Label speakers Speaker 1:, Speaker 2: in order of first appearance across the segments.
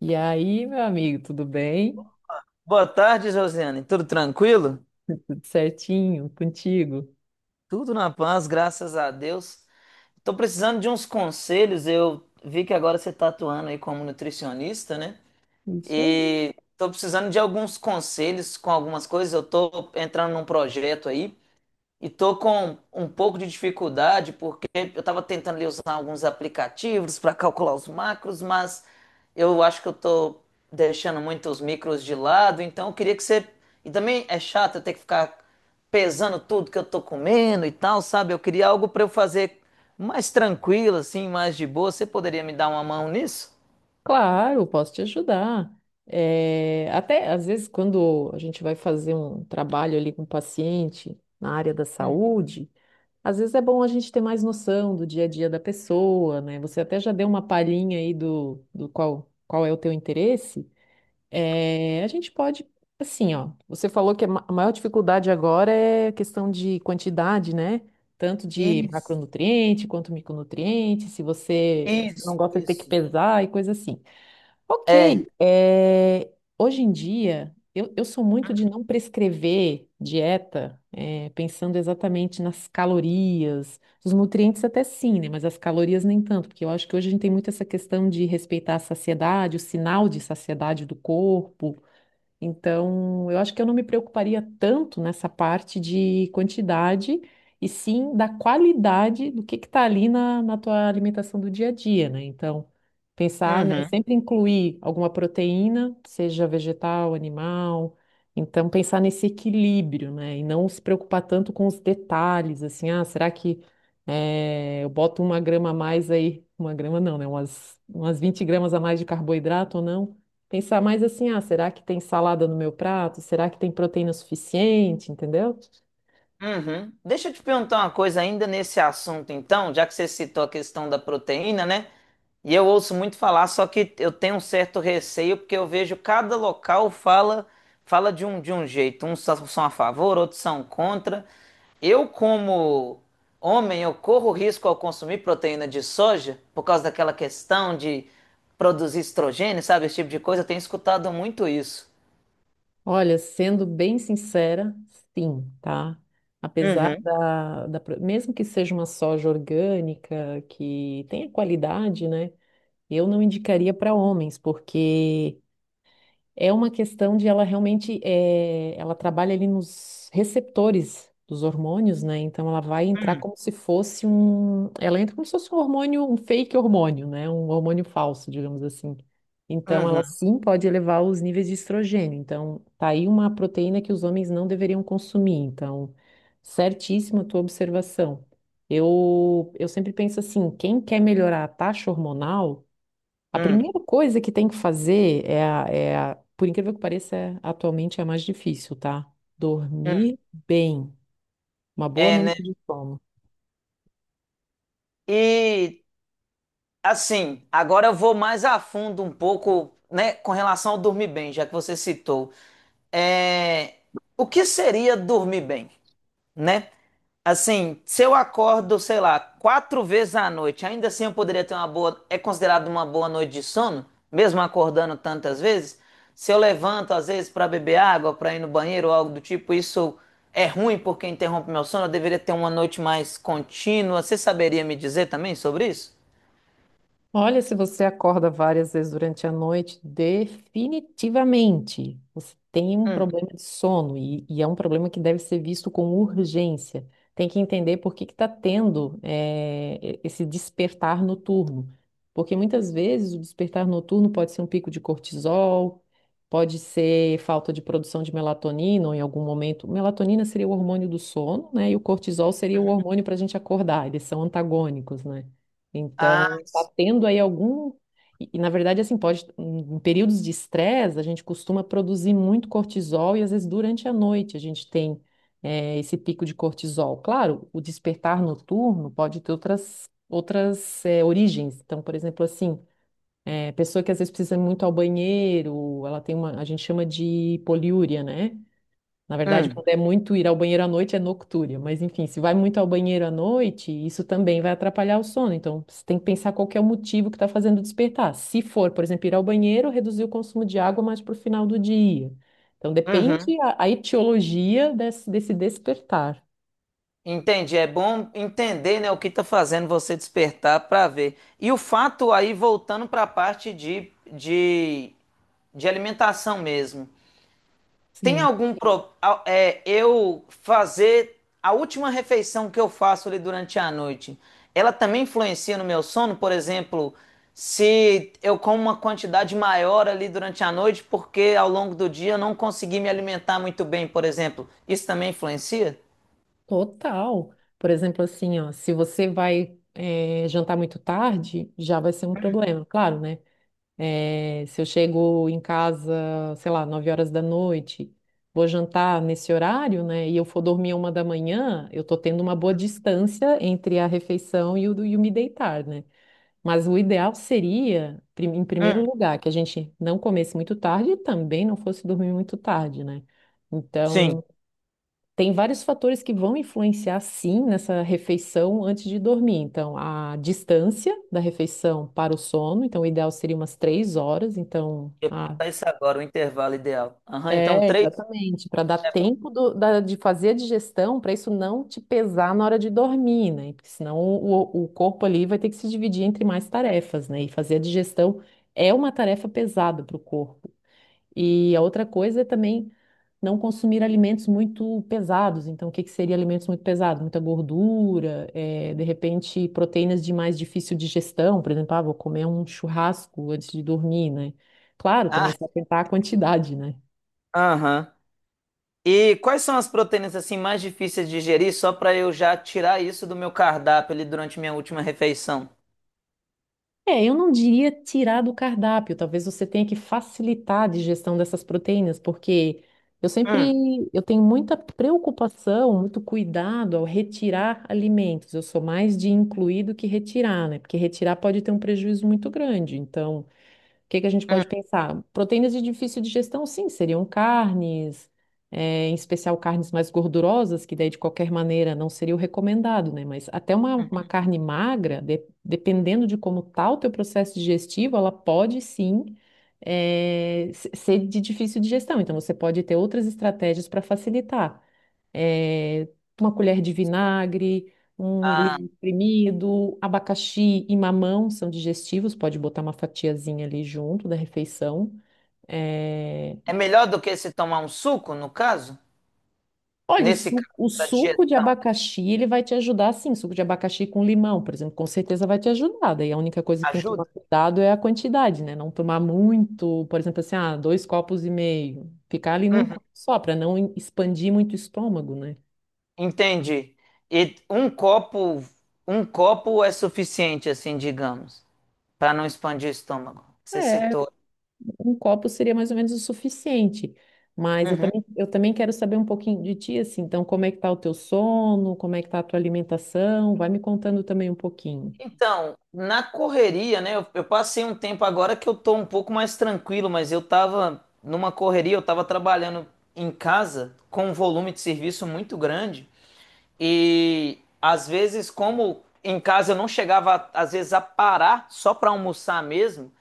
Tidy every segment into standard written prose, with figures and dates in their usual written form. Speaker 1: E aí, meu amigo, tudo bem?
Speaker 2: Boa tarde, Josiane. Tudo tranquilo?
Speaker 1: Tudo certinho contigo?
Speaker 2: Tudo na paz, graças a Deus. Estou precisando de uns conselhos. Eu vi que agora você está atuando aí como nutricionista, né?
Speaker 1: Isso aí.
Speaker 2: E estou precisando de alguns conselhos com algumas coisas. Eu estou entrando num projeto aí e tô com um pouco de dificuldade porque eu estava tentando ali usar alguns aplicativos para calcular os macros, mas eu acho que eu tô deixando muito os micros de lado, então eu queria que você. E também é chato eu ter que ficar pesando tudo que eu tô comendo e tal, sabe? Eu queria algo para eu fazer mais tranquilo, assim, mais de boa. Você poderia me dar uma mão nisso?
Speaker 1: Claro, posso te ajudar. É, até às vezes, quando a gente vai fazer um trabalho ali com o paciente na área da saúde, às vezes é bom a gente ter mais noção do dia a dia da pessoa, né? Você até já deu uma palhinha aí do qual é o teu interesse. É, a gente pode, assim, ó. Você falou que a maior dificuldade agora é a questão de quantidade, né? Tanto de
Speaker 2: Isso,
Speaker 1: macronutriente quanto micronutriente. Se você não
Speaker 2: isso,
Speaker 1: gosta de ter que
Speaker 2: isso.
Speaker 1: pesar e coisa assim.
Speaker 2: É.
Speaker 1: Ok, é, hoje em dia eu sou muito de não prescrever dieta, é, pensando exatamente nas calorias, os nutrientes até sim, né? Mas as calorias nem tanto, porque eu acho que hoje a gente tem muito essa questão de respeitar a saciedade, o sinal de saciedade do corpo. Então, eu acho que eu não me preocuparia tanto nessa parte de quantidade, e sim da qualidade do que está ali na tua alimentação do dia a dia, né? Então, pensar, né,
Speaker 2: Uhum.
Speaker 1: sempre incluir alguma proteína, seja vegetal, animal. Então, pensar nesse equilíbrio, né? E não se preocupar tanto com os detalhes, assim, ah, será que eu boto uma grama a mais aí? Uma grama não, né? Umas 20 gramas a mais de carboidrato ou não? Pensar mais assim, ah, será que tem salada no meu prato? Será que tem proteína suficiente? Entendeu?
Speaker 2: Uhum. Deixa eu te perguntar uma coisa ainda nesse assunto, então, já que você citou a questão da proteína, né? E eu ouço muito falar, só que eu tenho um certo receio, porque eu vejo cada local fala de um jeito. Uns só- são a favor, outros são contra. Eu, como homem, eu corro risco ao consumir proteína de soja por causa daquela questão de produzir estrogênio, sabe? Esse tipo de coisa. Eu tenho escutado muito isso.
Speaker 1: Olha, sendo bem sincera, sim, tá? Apesar
Speaker 2: Uhum.
Speaker 1: mesmo que seja uma soja orgânica, que tenha qualidade, né? Eu não indicaria para homens, porque é uma questão de ela realmente, ela trabalha ali nos receptores dos hormônios, né? Então ela vai entrar
Speaker 2: Uhum.
Speaker 1: como se fosse um, ela entra como se fosse um hormônio, um fake hormônio, né? Um hormônio falso, digamos assim. Então ela
Speaker 2: Uhum.
Speaker 1: sim pode elevar os níveis de estrogênio. Então tá aí uma proteína que os homens não deveriam consumir. Então, certíssima a tua observação. Eu sempre penso assim, quem quer melhorar a taxa hormonal a primeira coisa que tem que fazer por incrível que pareça, atualmente é a mais difícil, tá?
Speaker 2: Uhum.
Speaker 1: Dormir bem, uma boa
Speaker 2: É, né?
Speaker 1: noite de sono.
Speaker 2: E assim, agora eu vou mais a fundo um pouco, né, com relação ao dormir bem, já que você citou. É, o que seria dormir bem, né? Assim, se eu acordo, sei lá, quatro vezes à noite, ainda assim eu poderia ter uma boa, é considerado uma boa noite de sono, mesmo acordando tantas vezes? Se eu levanto às vezes para beber água, para ir no banheiro ou algo do tipo, isso é ruim porque interrompe meu sono, eu deveria ter uma noite mais contínua. Você saberia me dizer também sobre isso?
Speaker 1: Olha, se você acorda várias vezes durante a noite, definitivamente você tem um
Speaker 2: Hum.
Speaker 1: problema de sono e é um problema que deve ser visto com urgência. Tem que entender por que que está tendo esse despertar noturno. Porque muitas vezes o despertar noturno pode ser um pico de cortisol, pode ser falta de produção de melatonina ou em algum momento. Melatonina seria o hormônio do sono, né? E o cortisol seria o hormônio para a gente acordar, eles são antagônicos, né?
Speaker 2: Ah,
Speaker 1: Então, tá tendo aí algum. E, na verdade, assim, pode. Em períodos de estresse, a gente costuma produzir muito cortisol e às vezes durante a noite a gente tem esse pico de cortisol. Claro, o despertar noturno pode ter outras origens. Então, por exemplo, assim, pessoa que às vezes precisa ir muito ao banheiro, ela tem uma. A gente chama de poliúria, né? Na verdade,
Speaker 2: hum,
Speaker 1: quando é muito ir ao banheiro à noite, é noctúria. Mas, enfim, se vai muito ao banheiro à noite, isso também vai atrapalhar o sono. Então, você tem que pensar qual que é o motivo que está fazendo despertar. Se for, por exemplo, ir ao banheiro, reduzir o consumo de água mais para o final do dia. Então,
Speaker 2: uhum.
Speaker 1: depende a etiologia desse despertar.
Speaker 2: Entendi. É bom entender, né, o que está fazendo você despertar para ver. E o fato aí, voltando para a parte de alimentação mesmo. Tem
Speaker 1: Sim,
Speaker 2: algum pro, a- é, eu fazer a última refeição que eu faço ali durante a noite, ela também influencia no meu sono? Por exemplo, se eu como uma quantidade maior ali durante a noite, porque ao longo do dia eu não consegui me alimentar muito bem, por exemplo, isso também influencia?
Speaker 1: total. Por exemplo, assim, ó, se você vai, jantar muito tarde, já vai ser um problema. Claro, né? É, se eu chego em casa, sei lá, 9 horas da noite, vou jantar nesse horário, né? E eu for dormir uma da manhã, eu tô tendo uma boa distância entre a refeição e e o me deitar, né? Mas o ideal seria, em primeiro lugar, que a gente não comesse muito tarde e também não fosse dormir muito tarde, né?
Speaker 2: Sim.
Speaker 1: Então, tem vários fatores que vão influenciar, sim, nessa refeição antes de dormir. Então, a distância da refeição para o sono. Então, o ideal seria umas 3 horas. Então,
Speaker 2: Eu ia
Speaker 1: ah,
Speaker 2: perguntar isso agora, o intervalo ideal. Aham, então
Speaker 1: é,
Speaker 2: três
Speaker 1: exatamente. Para dar
Speaker 2: é bom.
Speaker 1: tempo de fazer a digestão, para isso não te pesar na hora de dormir, né? Porque senão o corpo ali vai ter que se dividir entre mais tarefas, né? E fazer a digestão é uma tarefa pesada para o corpo. E a outra coisa é também não consumir alimentos muito pesados. Então, o que que seria alimentos muito pesados? Muita gordura, de repente proteínas de mais difícil digestão. Por exemplo, ah, vou comer um churrasco antes de dormir, né? Claro, também
Speaker 2: Ah,
Speaker 1: se atentar à quantidade, né?
Speaker 2: aham. E quais são as proteínas assim mais difíceis de digerir, só para eu já tirar isso do meu cardápio ali durante minha última refeição?
Speaker 1: É, eu não diria tirar do cardápio, talvez você tenha que facilitar a digestão dessas proteínas, porque
Speaker 2: Hum,
Speaker 1: eu tenho muita preocupação, muito cuidado ao retirar alimentos. Eu sou mais de incluir do que retirar, né? Porque retirar pode ter um prejuízo muito grande. Então, o que que a gente
Speaker 2: hum,
Speaker 1: pode pensar? Proteínas de difícil digestão, sim, seriam carnes, em especial carnes mais gordurosas, que daí de qualquer maneira não seria o recomendado, né? Mas até uma
Speaker 2: uhum.
Speaker 1: carne magra, dependendo de como está o teu processo digestivo, ela pode sim, ser de difícil digestão. Então você pode ter outras estratégias para facilitar eh, uma colher de vinagre, um
Speaker 2: Ah,
Speaker 1: limão espremido, abacaxi e mamão são digestivos, pode botar uma fatiazinha ali junto da refeição. Eh,
Speaker 2: é melhor do que se tomar um suco, no caso?
Speaker 1: Olha,
Speaker 2: Nesse caso,
Speaker 1: o
Speaker 2: para
Speaker 1: suco de
Speaker 2: digestão,
Speaker 1: abacaxi, ele vai te ajudar, sim, suco de abacaxi com limão, por exemplo, com certeza vai te ajudar. Daí a única coisa que tem que tomar
Speaker 2: ajuda?
Speaker 1: cuidado é a quantidade, né? Não tomar muito, por exemplo, assim, ah, dois copos e meio. Ficar ali num
Speaker 2: Uhum.
Speaker 1: copo só, para não expandir muito o estômago, né?
Speaker 2: Entendi. E um copo é suficiente, assim, digamos, para não expandir o estômago. Você
Speaker 1: É.
Speaker 2: citou.
Speaker 1: Um copo seria mais ou menos o suficiente. Mas eu
Speaker 2: Uhum.
Speaker 1: também, eu também quero saber um pouquinho de ti, assim. Então, como é que tá o teu sono? Como é que tá a tua alimentação? Vai me contando também um pouquinho.
Speaker 2: Então, na correria, né? Eu passei um tempo agora que eu tô um pouco mais tranquilo, mas eu tava numa correria, eu tava trabalhando em casa com um volume de serviço muito grande e às vezes, como em casa eu não chegava às vezes a parar só para almoçar mesmo,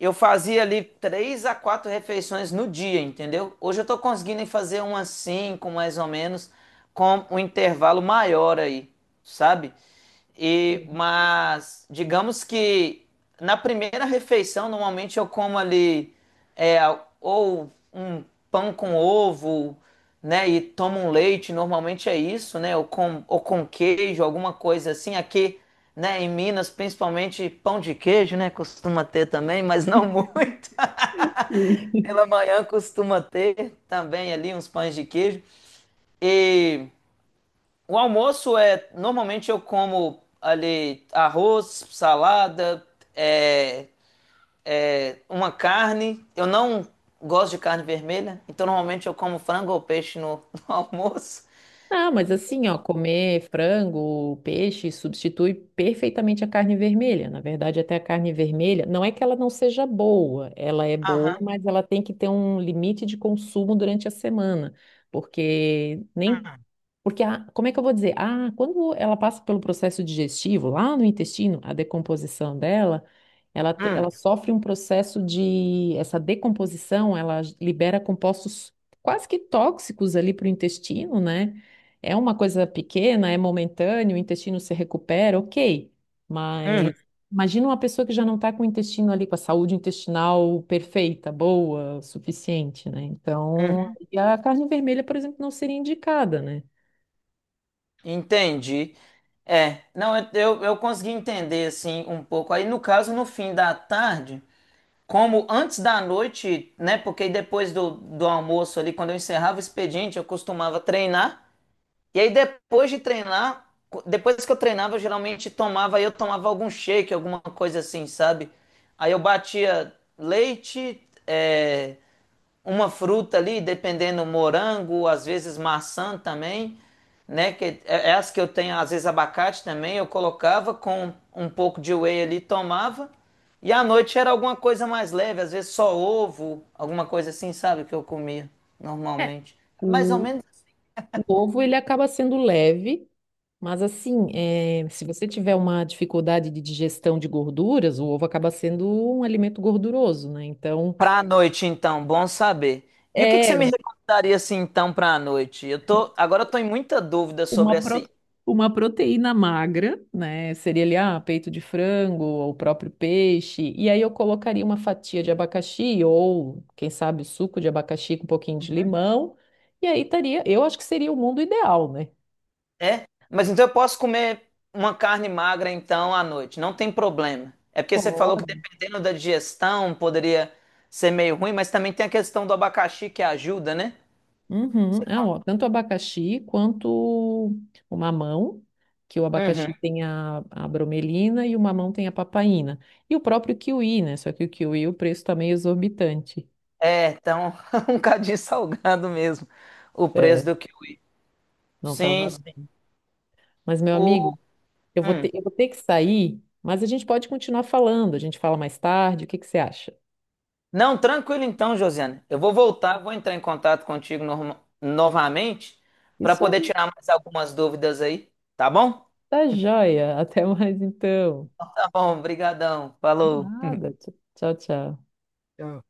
Speaker 2: eu fazia ali três a quatro refeições no dia, entendeu? Hoje eu tô conseguindo fazer umas cinco, mais ou menos, com um intervalo maior aí, sabe? E,
Speaker 1: E-
Speaker 2: mas digamos que na primeira refeição, normalmente eu como ali é, ou um pão com ovo, né? E tomo um leite, normalmente é isso, né? Ou com queijo, alguma coisa assim. Aqui né? Em Minas, principalmente pão de queijo, né? Costuma ter também, mas não muito. Pela manhã costuma ter também ali uns pães de queijo. E o almoço é, normalmente eu como ali arroz, salada, é, é, uma carne. Eu não gosto de carne vermelha, então normalmente eu como frango ou peixe no, no almoço.
Speaker 1: Não, mas assim, ó, comer frango, peixe substitui perfeitamente a carne vermelha. Na verdade, até a carne vermelha, não é que ela não seja boa, ela é boa,
Speaker 2: Aham.
Speaker 1: mas ela tem que ter um limite de consumo durante a semana, porque nem Porque, a, como é que eu vou dizer? Ah, quando ela passa pelo processo digestivo, lá no intestino, a decomposição dela,
Speaker 2: Hum,
Speaker 1: ela sofre um processo de. Essa decomposição, libera compostos quase que tóxicos ali para o intestino, né? É uma coisa pequena, é momentâneo, o intestino se recupera, ok.
Speaker 2: uhum,
Speaker 1: Mas imagina uma pessoa que já não está com o intestino ali, com a saúde intestinal perfeita, boa, suficiente, né? Então,
Speaker 2: uhum.
Speaker 1: e a carne vermelha, por exemplo, não seria indicada, né?
Speaker 2: Entendi. É, não, eu consegui entender assim um pouco. Aí, no caso, no fim da tarde, como antes da noite, né? Porque aí depois do almoço ali, quando eu encerrava o expediente, eu costumava treinar. E aí, depois de treinar, depois que eu treinava, eu geralmente tomava, aí eu tomava algum shake, alguma coisa assim, sabe? Aí eu batia leite, é, uma fruta ali, dependendo, morango, às vezes maçã também, né? Que é as que eu tenho, às vezes abacate também, eu colocava com um pouco de whey ali, tomava. E à noite era alguma coisa mais leve, às vezes só ovo, alguma coisa assim, sabe, que eu comia
Speaker 1: É,
Speaker 2: normalmente. É mais ou
Speaker 1: o,
Speaker 2: menos
Speaker 1: o ovo ele acaba sendo leve, mas assim, é, se você tiver uma dificuldade de digestão de gorduras, o ovo acaba sendo um alimento gorduroso, né? Então,
Speaker 2: para a noite, então, bom saber. E o que que você me
Speaker 1: é
Speaker 2: recomendaria assim então para a noite? Eu tô, em muita dúvida sobre
Speaker 1: uma,
Speaker 2: essa.
Speaker 1: pro- uma proteína magra, né? Seria ali, ah, peito de frango ou o próprio peixe. E aí eu colocaria uma fatia de abacaxi ou, quem sabe, suco de abacaxi com um pouquinho de limão. E aí estaria, eu acho que seria o mundo ideal, né?
Speaker 2: É? Mas então eu posso comer uma carne magra então à noite, não tem problema. É porque você falou que
Speaker 1: Pode.
Speaker 2: dependendo da digestão poderia ser meio ruim, mas também tem a questão do abacaxi que ajuda, né?
Speaker 1: Uhum.
Speaker 2: Você
Speaker 1: Ah,
Speaker 2: fala,
Speaker 1: ó, tanto o abacaxi quanto o mamão, que o
Speaker 2: uhum.
Speaker 1: abacaxi tem a bromelina e o mamão tem a papaina. E o próprio kiwi, né? Só que o kiwi, o preço tá meio exorbitante.
Speaker 2: É, então um cadinho salgado mesmo o preço
Speaker 1: É,
Speaker 2: do kiwi.
Speaker 1: não tá
Speaker 2: Sim,
Speaker 1: valendo.
Speaker 2: sim.
Speaker 1: Mas, meu
Speaker 2: O...
Speaker 1: amigo, eu vou
Speaker 2: hum.
Speaker 1: ter, eu vou ter que sair, mas a gente pode continuar falando. A gente fala mais tarde, o que que você acha?
Speaker 2: Não, tranquilo então, Josiane. Eu vou voltar, vou entrar em contato contigo novamente para
Speaker 1: Isso
Speaker 2: poder
Speaker 1: aí,
Speaker 2: tirar mais algumas dúvidas aí, tá bom?
Speaker 1: tá joia. Até mais então.
Speaker 2: Tá bom, brigadão. Falou.
Speaker 1: Nada. Tchau, tchau.
Speaker 2: Tchau.